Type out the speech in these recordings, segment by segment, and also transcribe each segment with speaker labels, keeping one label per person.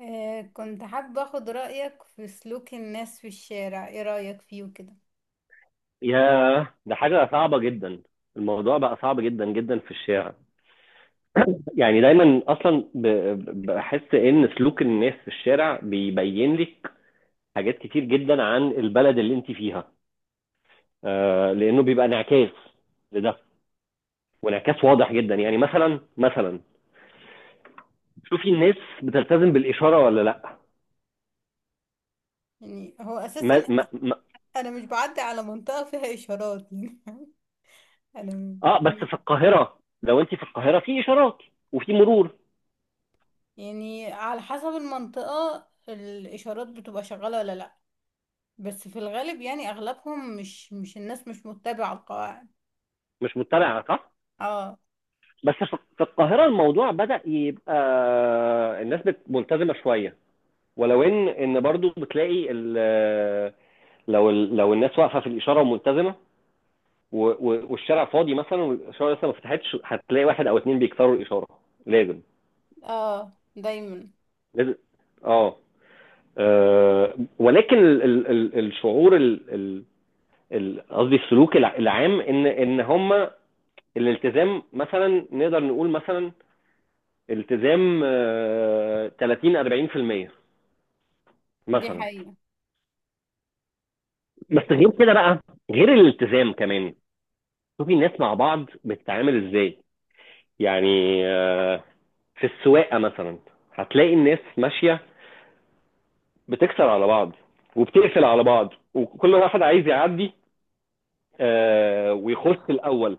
Speaker 1: آه، كنت حابة اخد رأيك في سلوك الناس في الشارع. ايه رأيك فيه وكده؟
Speaker 2: ياه ده حاجة صعبة جدا. الموضوع بقى صعب جدا جدا في الشارع. يعني دايما اصلا بحس ان سلوك الناس في الشارع بيبين لك حاجات كتير جدا عن البلد اللي انت فيها. آه، لانه بيبقى انعكاس لده، وانعكاس واضح جدا. يعني مثلا شوفي الناس بتلتزم بالاشاره ولا لا.
Speaker 1: يعني هو اساسا
Speaker 2: ما ما
Speaker 1: انا
Speaker 2: ما
Speaker 1: انا مش بعدي على منطقة فيها اشارات. يعني
Speaker 2: اه بس
Speaker 1: انا.
Speaker 2: في القاهره، لو انت في القاهره في اشارات وفي مرور.
Speaker 1: يعني على حسب المنطقة الاشارات بتبقى شغالة ولا لا. بس في الغالب يعني اغلبهم مش، الناس مش متبعة القواعد.
Speaker 2: مش متبعه، صح.
Speaker 1: اه.
Speaker 2: بس في القاهرة الموضوع بدأ يبقى، الناس ملتزمة شوية. ولو ان برضو بتلاقي لو لو الناس واقفة في الإشارة وملتزمة والشارع فاضي مثلا والإشارة لسه ما فتحتش، هتلاقي واحد أو اتنين بيكسروا الإشارة. لازم.
Speaker 1: اه دايما.
Speaker 2: لازم. اه. ولكن الشعور قصدي السلوك العام، ان هم الالتزام. مثلا نقدر نقول مثلا التزام 30 40%،
Speaker 1: دي
Speaker 2: مثلا.
Speaker 1: حقيقة.
Speaker 2: بس غير كده بقى، غير الالتزام كمان، شوفي الناس مع بعض بتتعامل ازاي. يعني، آه، في السواقه مثلا، هتلاقي الناس ماشيه بتكسر على بعض وبتقفل على بعض وكل واحد عايز يعدي ويخش الاول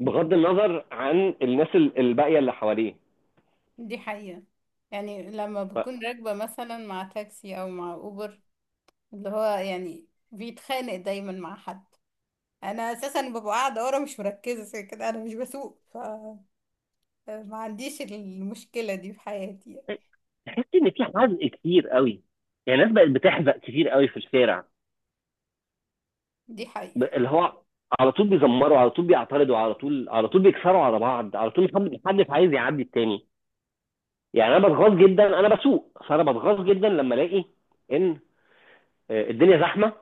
Speaker 2: بغض النظر عن الناس الباقيه اللي حواليه.
Speaker 1: دي حقيقة، يعني لما بكون
Speaker 2: ف-
Speaker 1: راكبة مثلا مع تاكسي او مع اوبر، اللي هو يعني بيتخانق دايما مع حد. انا اساسا ببقى قاعده ورا، مش مركزه زي كده، انا مش بسوق فما عنديش المشكله دي في حياتي.
Speaker 2: تحس ان في حزق كتير قوي. يعني الناس بقت بتحزق كتير قوي في الشارع.
Speaker 1: دي حقيقه.
Speaker 2: اللي هو، على طول بيزمروا، على طول بيعترضوا، على طول على طول بيكسروا على بعض، على طول محدش عايز يعدي التاني. يعني انا بتغاظ جدا، انا بسوق فانا بتغاظ جدا لما الاقي ان الدنيا زحمه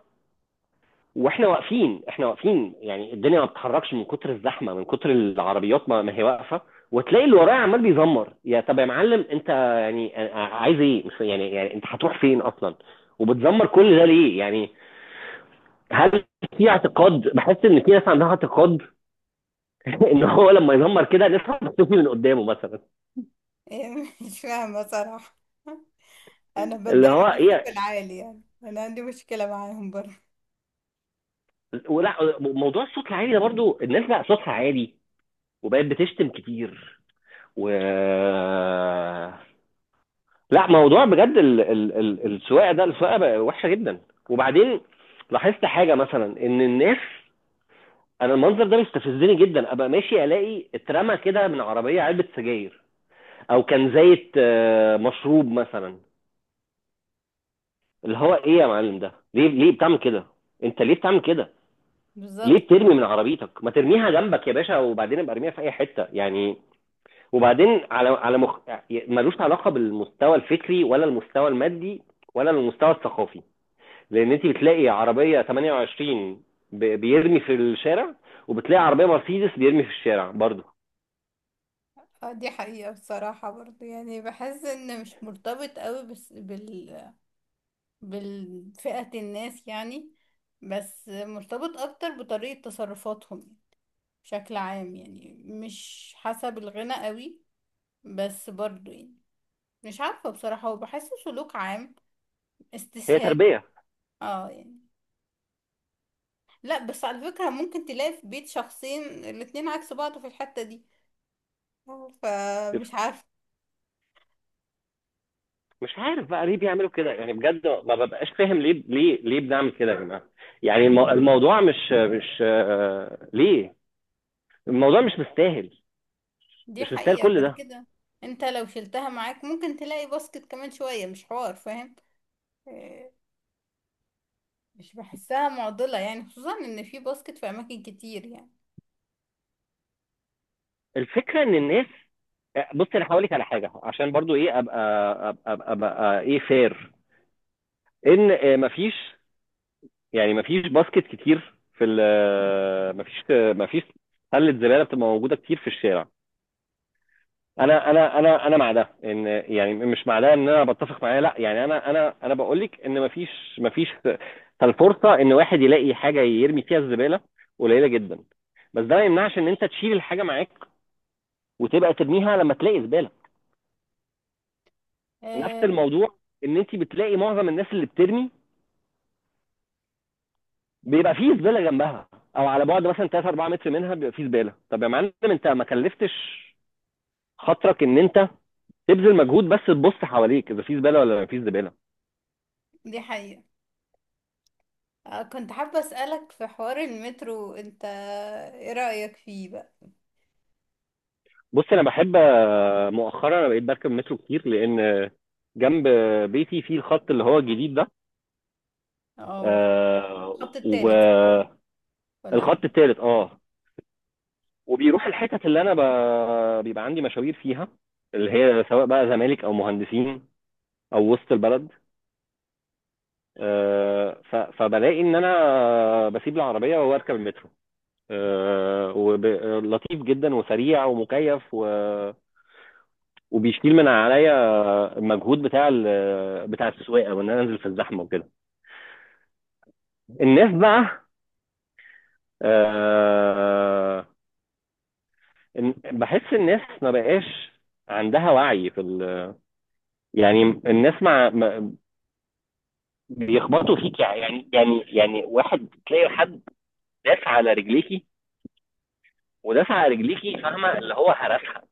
Speaker 2: واحنا واقفين، احنا واقفين. يعني الدنيا ما بتتحركش من كتر الزحمه، من كتر العربيات ما هي واقفه، وتلاقي اللي ورايا عمال بيزمر. يا طب يا معلم، انت يعني عايز ايه؟ مش يعني يعني انت هتروح فين اصلا؟ وبتزمر كل ده ليه يعني؟ هل في اعتقاد، بحس ان في ناس عندها اعتقاد، ان هو لما يزمر كده نفهم مكتوفي من قدامه مثلا.
Speaker 1: مش فاهمه صراحه. انا
Speaker 2: اللي
Speaker 1: بتضايق
Speaker 2: هو
Speaker 1: من الصوت
Speaker 2: ايه
Speaker 1: العالي، يعني انا عندي مشكله معاهم برضه.
Speaker 2: ولا موضوع الصوت العالي ده؟ برضو الناس بقى صوتها عالي وبقت بتشتم كتير. و، لا، موضوع بجد، السواقه ده، السواقه بقى وحشه جدا. وبعدين لاحظت حاجه، مثلا ان الناس، انا المنظر ده بيستفزني جدا. ابقى ماشي الاقي اترمى كده من عربيه علبه سجاير او كان زيت، مشروب مثلا. اللي هو ايه يا معلم؟ ده ليه؟ ليه بتعمل كده؟ انت ليه بتعمل كده؟ ليه
Speaker 1: بالظبط.
Speaker 2: بترمي من عربيتك؟ ما ترميها جنبك يا باشا، وبعدين ابقى ارميها في اي حته يعني. وبعدين، على على يعني ملوش علاقه بالمستوى الفكري ولا المستوى المادي ولا المستوى الثقافي. لان انت بتلاقي عربيه 28 بيرمي في الشارع، وبتلاقي عربيه مرسيدس بيرمي في الشارع برضه.
Speaker 1: آه، دي حقيقه بصراحه برضه، يعني بحس ان مش مرتبط قوي بس بالفئه الناس يعني، بس مرتبط اكتر بطريقه تصرفاتهم بشكل عام، يعني مش حسب الغنى قوي بس برضو، يعني مش عارفة بصراحة، وبحسه سلوك عام،
Speaker 2: هي
Speaker 1: استسهال.
Speaker 2: تربيه.
Speaker 1: اه يعني. لا بس على فكرة ممكن تلاقي في بيت شخصين الاتنين عكس بعض في الحتة دي، فمش عارفة.
Speaker 2: مش عارف بقى ليه بيعملوا كده يعني، بجد ما ببقاش فاهم. ليه ليه ليه بنعمل كده يا جماعه؟ يعني الموضوع مش مش، ليه؟ الموضوع مش مستاهل.
Speaker 1: دي
Speaker 2: مش مستاهل
Speaker 1: حقيقة.
Speaker 2: كل
Speaker 1: وبعد
Speaker 2: ده.
Speaker 1: كده انت لو شلتها معاك ممكن تلاقي باسكت كمان شوية، مش حوار فاهم. آه، مش بحسها معضلة يعني، خصوصا ان في باسكت في اماكن كتير يعني.
Speaker 2: الفكره ان الناس، بص انا هقول لك على حاجه، عشان برضو ايه، أبقى ايه فير. ان مفيش، يعني مفيش باسكت كتير في ال، مفيش، مفيش سله زباله بتبقى موجوده كتير في الشارع. انا مع ده ان، يعني مش مع ده ان انا بتفق معاه، لا، يعني انا بقول لك ان مفيش. مفيش، فالفرصه ان واحد يلاقي حاجه يرمي فيها الزباله قليله جدا. بس ده ما يمنعش ان انت تشيل الحاجه معاك وتبقى ترميها لما تلاقي زباله. نفس
Speaker 1: آه،
Speaker 2: الموضوع، ان انت بتلاقي معظم الناس اللي بترمي بيبقى فيه زباله جنبها، او على بعد مثلا 3 4 متر منها بيبقى فيه زباله. طب يا معلم انت ما كلفتش خاطرك ان انت تبذل مجهود بس تبص حواليك اذا في زباله ولا ما فيش زباله.
Speaker 1: دي حقيقة. آه، كنت حابة أسألك في حوار المترو انت. ايه رأيك فيه بقى؟
Speaker 2: بص انا بحب، مؤخرا انا بقيت بركب مترو كتير لان، جنب بيتي في الخط اللي هو الجديد ده.
Speaker 1: اه، هو
Speaker 2: آه.
Speaker 1: الخط التالت صح؟
Speaker 2: والخط
Speaker 1: ولا ده؟
Speaker 2: التالت، اه. وبيروح الحتت اللي انا بيبقى عندي مشاوير فيها، اللي هي سواء بقى زمالك او مهندسين او وسط البلد. فبلاقي ان انا بسيب العربيه واركب المترو، ولطيف جدا وسريع ومكيف وبيشيل من عليا المجهود بتاع بتاع السواقه، وان انا انزل في الزحمه وكده. الناس بقى، آه، بحس الناس ما بقاش عندها وعي في ال... يعني الناس بيخبطوا فيك، يعني يعني واحد، تلاقي حد داس على رجليكي ودافع رجليكي، فاهمه؟ اللي هو هرسها،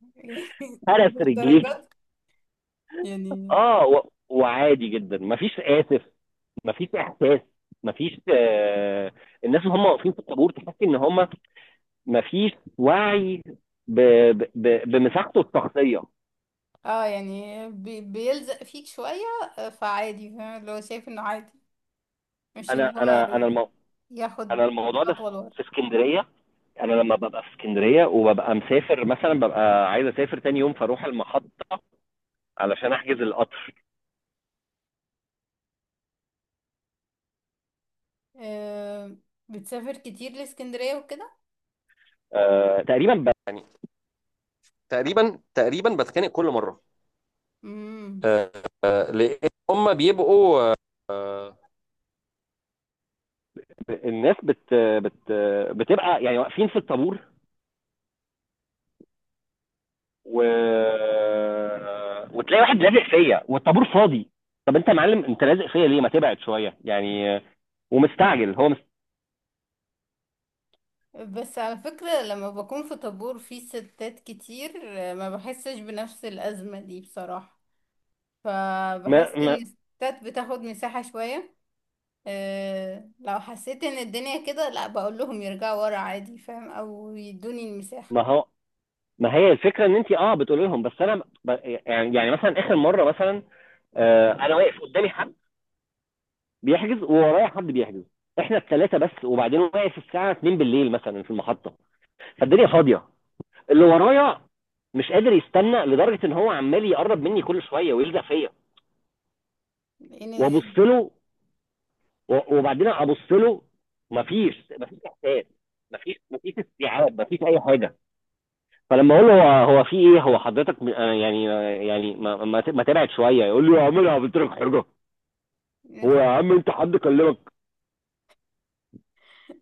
Speaker 2: هرس
Speaker 1: مش
Speaker 2: رجليكي.
Speaker 1: درجات يعني.
Speaker 2: اه وعادي جدا، مفيش اسف، مفيش احساس، مفيش آه. الناس اللي هم واقفين في الطابور تحس ان هم مفيش وعي ب... بمساحته الشخصيه.
Speaker 1: اه يعني بيلزق فيك شوية، آه، فعادي. فاهم اللي هو شايف انه عادي، مش ان
Speaker 2: انا
Speaker 1: هو
Speaker 2: انا انا
Speaker 1: ياخد
Speaker 2: انا الموضوع ده
Speaker 1: خطوة لورا.
Speaker 2: في اسكندريه، انا لما ببقى في اسكندريه وببقى مسافر مثلا، ببقى عايز اسافر تاني يوم فاروح المحطه علشان احجز القطر.
Speaker 1: آه، بتسافر كتير لإسكندرية وكده؟
Speaker 2: آه تقريبا يعني، تقريبا بتخانق كل مره.
Speaker 1: امم.
Speaker 2: آه، لان هم بيبقوا، آه، الناس بت بت بتبقى يعني واقفين في الطابور و... وتلاقي واحد لازق فيا والطابور فاضي. طب انت يا معلم انت لازق فيا ليه؟ ما تبعد شويه يعني. ومستعجل، هو
Speaker 1: بس على فكرة لما بكون في طابور فيه ستات كتير، آه، ما بحسش بنفس الأزمة دي بصراحة.
Speaker 2: ما
Speaker 1: فبحس ان
Speaker 2: ما
Speaker 1: الستات بتاخد مساحة شوية. أه لو حسيت ان الدنيا كده، لا بقول لهم يرجعوا ورا عادي، فاهم، او يدوني المساحة.
Speaker 2: ما هو ما هي الفكره، ان انت، اه، بتقولي لهم، بس انا يعني، مثلا اخر مره مثلا، آه، انا واقف قدامي حد بيحجز، وورايا حد بيحجز. احنا الثلاثه بس، وبعدين واقف الساعه 2 بالليل مثلا في المحطه. فالدنيا فاضيه، اللي ورايا مش قادر يستنى لدرجه ان هو عمال يقرب مني كل شويه ويلزق فيا،
Speaker 1: لان.
Speaker 2: وابص له وبعدين ابص له، مفيش، مفيش احساس، مفيش، مفيش استيعاب، مفيش اي حاجه. فلما اقول له هو، هو في ايه؟ هو حضرتك م- آه يعني آه يعني ما ما ما تبعد شويه، يقول لي يا عم انا عملت لك حاجه؟ هو يا عم انت حد كلمك؟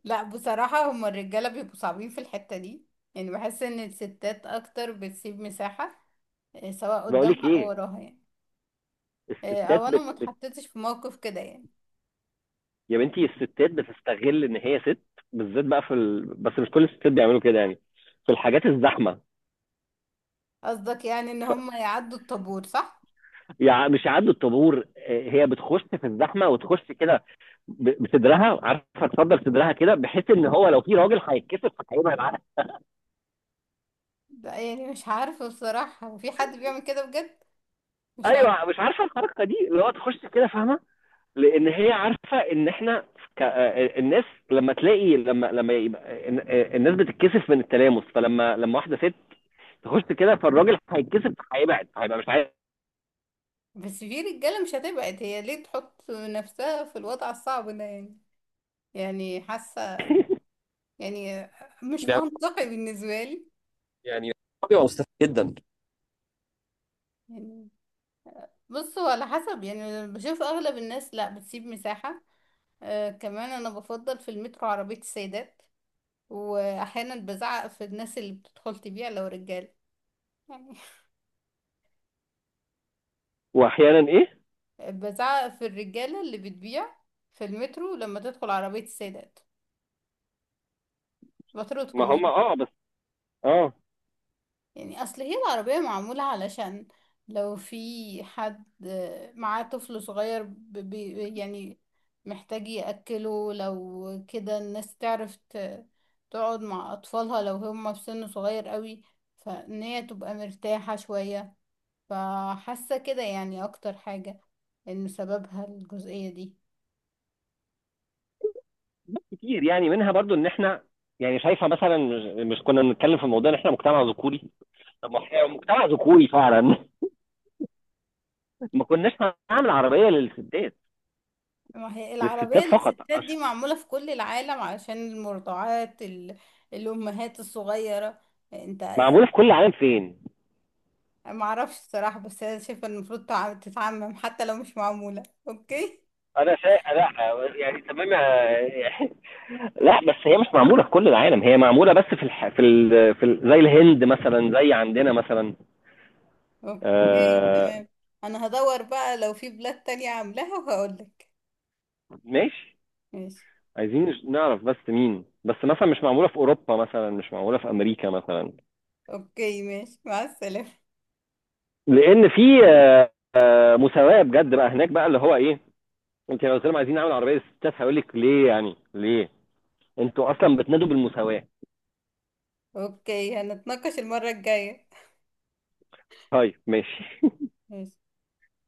Speaker 1: لا بصراحة، هما الرجالة بيبقوا صعبين في الحتة دي. يعني بحس ان الستات اكتر بتسيب مساحة، آه، سواء
Speaker 2: بقول لك
Speaker 1: قدامها او
Speaker 2: ايه،
Speaker 1: وراها يعني. آه،
Speaker 2: الستات
Speaker 1: او انا ما اتحطيتش في موقف كده يعني.
Speaker 2: يا بنتي الستات بتستغل ان هي ست، بالذات بقى في ال... بس مش كل الستات بيعملوا كده يعني، في الحاجات الزحمه.
Speaker 1: قصدك يعني ان
Speaker 2: ف،
Speaker 1: هما يعدوا الطابور صح؟
Speaker 2: يعني مش يعدوا الطابور، هي بتخش في الزحمه وتخش كده، بصدرها، عارفه تصدر صدرها كده بحيث ان هو لو في راجل هيتكسر فهيبقى معاها.
Speaker 1: ده يعني مش عارفة بصراحة. وفي حد بيعمل كده بجد؟ مش
Speaker 2: ايوه، مش عارفه الحركه دي، اللي هو تخش كده، فاهمه؟ لان هي عارفه ان احنا ك... آه، آه، الناس لما تلاقي، لما يبقى، الناس بتتكسف من التلامس، فلما واحده ست تخش كده فالراجل هيتكسف، هيبعد، هيبقى مش عارف.
Speaker 1: بس في رجالة مش هتبعد. هي ليه تحط نفسها في الوضع الصعب ده يعني؟ يعني حاسة، يعني مش
Speaker 2: ده
Speaker 1: منطقي بالنسبة لي.
Speaker 2: يعني بيبقى مستفز جدا.
Speaker 1: يعني بص، هو على حسب، يعني بشوف أغلب الناس لا بتسيب مساحة. آه، كمان أنا بفضل في المترو عربية السيدات. وأحيانا بزعق في الناس اللي بتدخل تبيع لو رجالة يعني.
Speaker 2: واحيانا ايه؟
Speaker 1: بزعق في الرجالة اللي بتبيع في المترو لما تدخل عربية السيدات،
Speaker 2: ما
Speaker 1: بطردهم
Speaker 2: هم،
Speaker 1: يعني.
Speaker 2: اه، بس، اه،
Speaker 1: يعني اصل هي العربية معمولة علشان لو في حد معاه طفل صغير يعني محتاج يأكله. لو كده الناس تعرف تقعد مع أطفالها لو هم في سن صغير قوي، فإن هي تبقى مرتاحة شوية. فحاسة كده يعني أكتر حاجة إن سببها الجزئية دي.
Speaker 2: كتير يعني منها برضو ان احنا، يعني شايفه مثلا، مش مش كنا بنتكلم في موضوع ان احنا مجتمع ذكوري؟ طب ما احنا مجتمع ذكوري فعلا. ما كناش هنعمل عربيه للستات،
Speaker 1: ما هي العربية
Speaker 2: للستات فقط
Speaker 1: للستات دي
Speaker 2: عشان.
Speaker 1: معمولة في كل العالم علشان المرضعات، الأمهات الصغيرة. انت
Speaker 2: معموله في
Speaker 1: يعني؟
Speaker 2: كل العالم فين؟
Speaker 1: ما اعرفش الصراحه، بس انا شايفه إن المفروض تتعمم، حتى لو مش معموله. اوكي.
Speaker 2: انا شايف لا، يعني تمام لا، بس هي مش معموله في كل العالم، هي معموله بس في الح... في ال... في ال... زي الهند مثلا، زي عندنا مثلا.
Speaker 1: اوكي
Speaker 2: آه.
Speaker 1: تمام. انا هدور بقى لو في بلاد تانية عاملاها وهقول لك.
Speaker 2: ماشي.
Speaker 1: ماشي.
Speaker 2: عايزين نعرف بس مين، بس مثلا مش معموله في اوروبا مثلا، مش معموله في امريكا مثلا،
Speaker 1: اوكي، ماشي مع السلامه.
Speaker 2: لان في مساواه بجد بقى هناك بقى، اللي هو ايه، انت لو قلت لهم عايزين نعمل عربيه ستات هيقول لك ليه؟ يعني ليه، انتوا اصلا بتنادوا بالمساواه.
Speaker 1: اوكي، هنتناقش المره الجايه.
Speaker 2: طيب، ماشي.
Speaker 1: ماشي.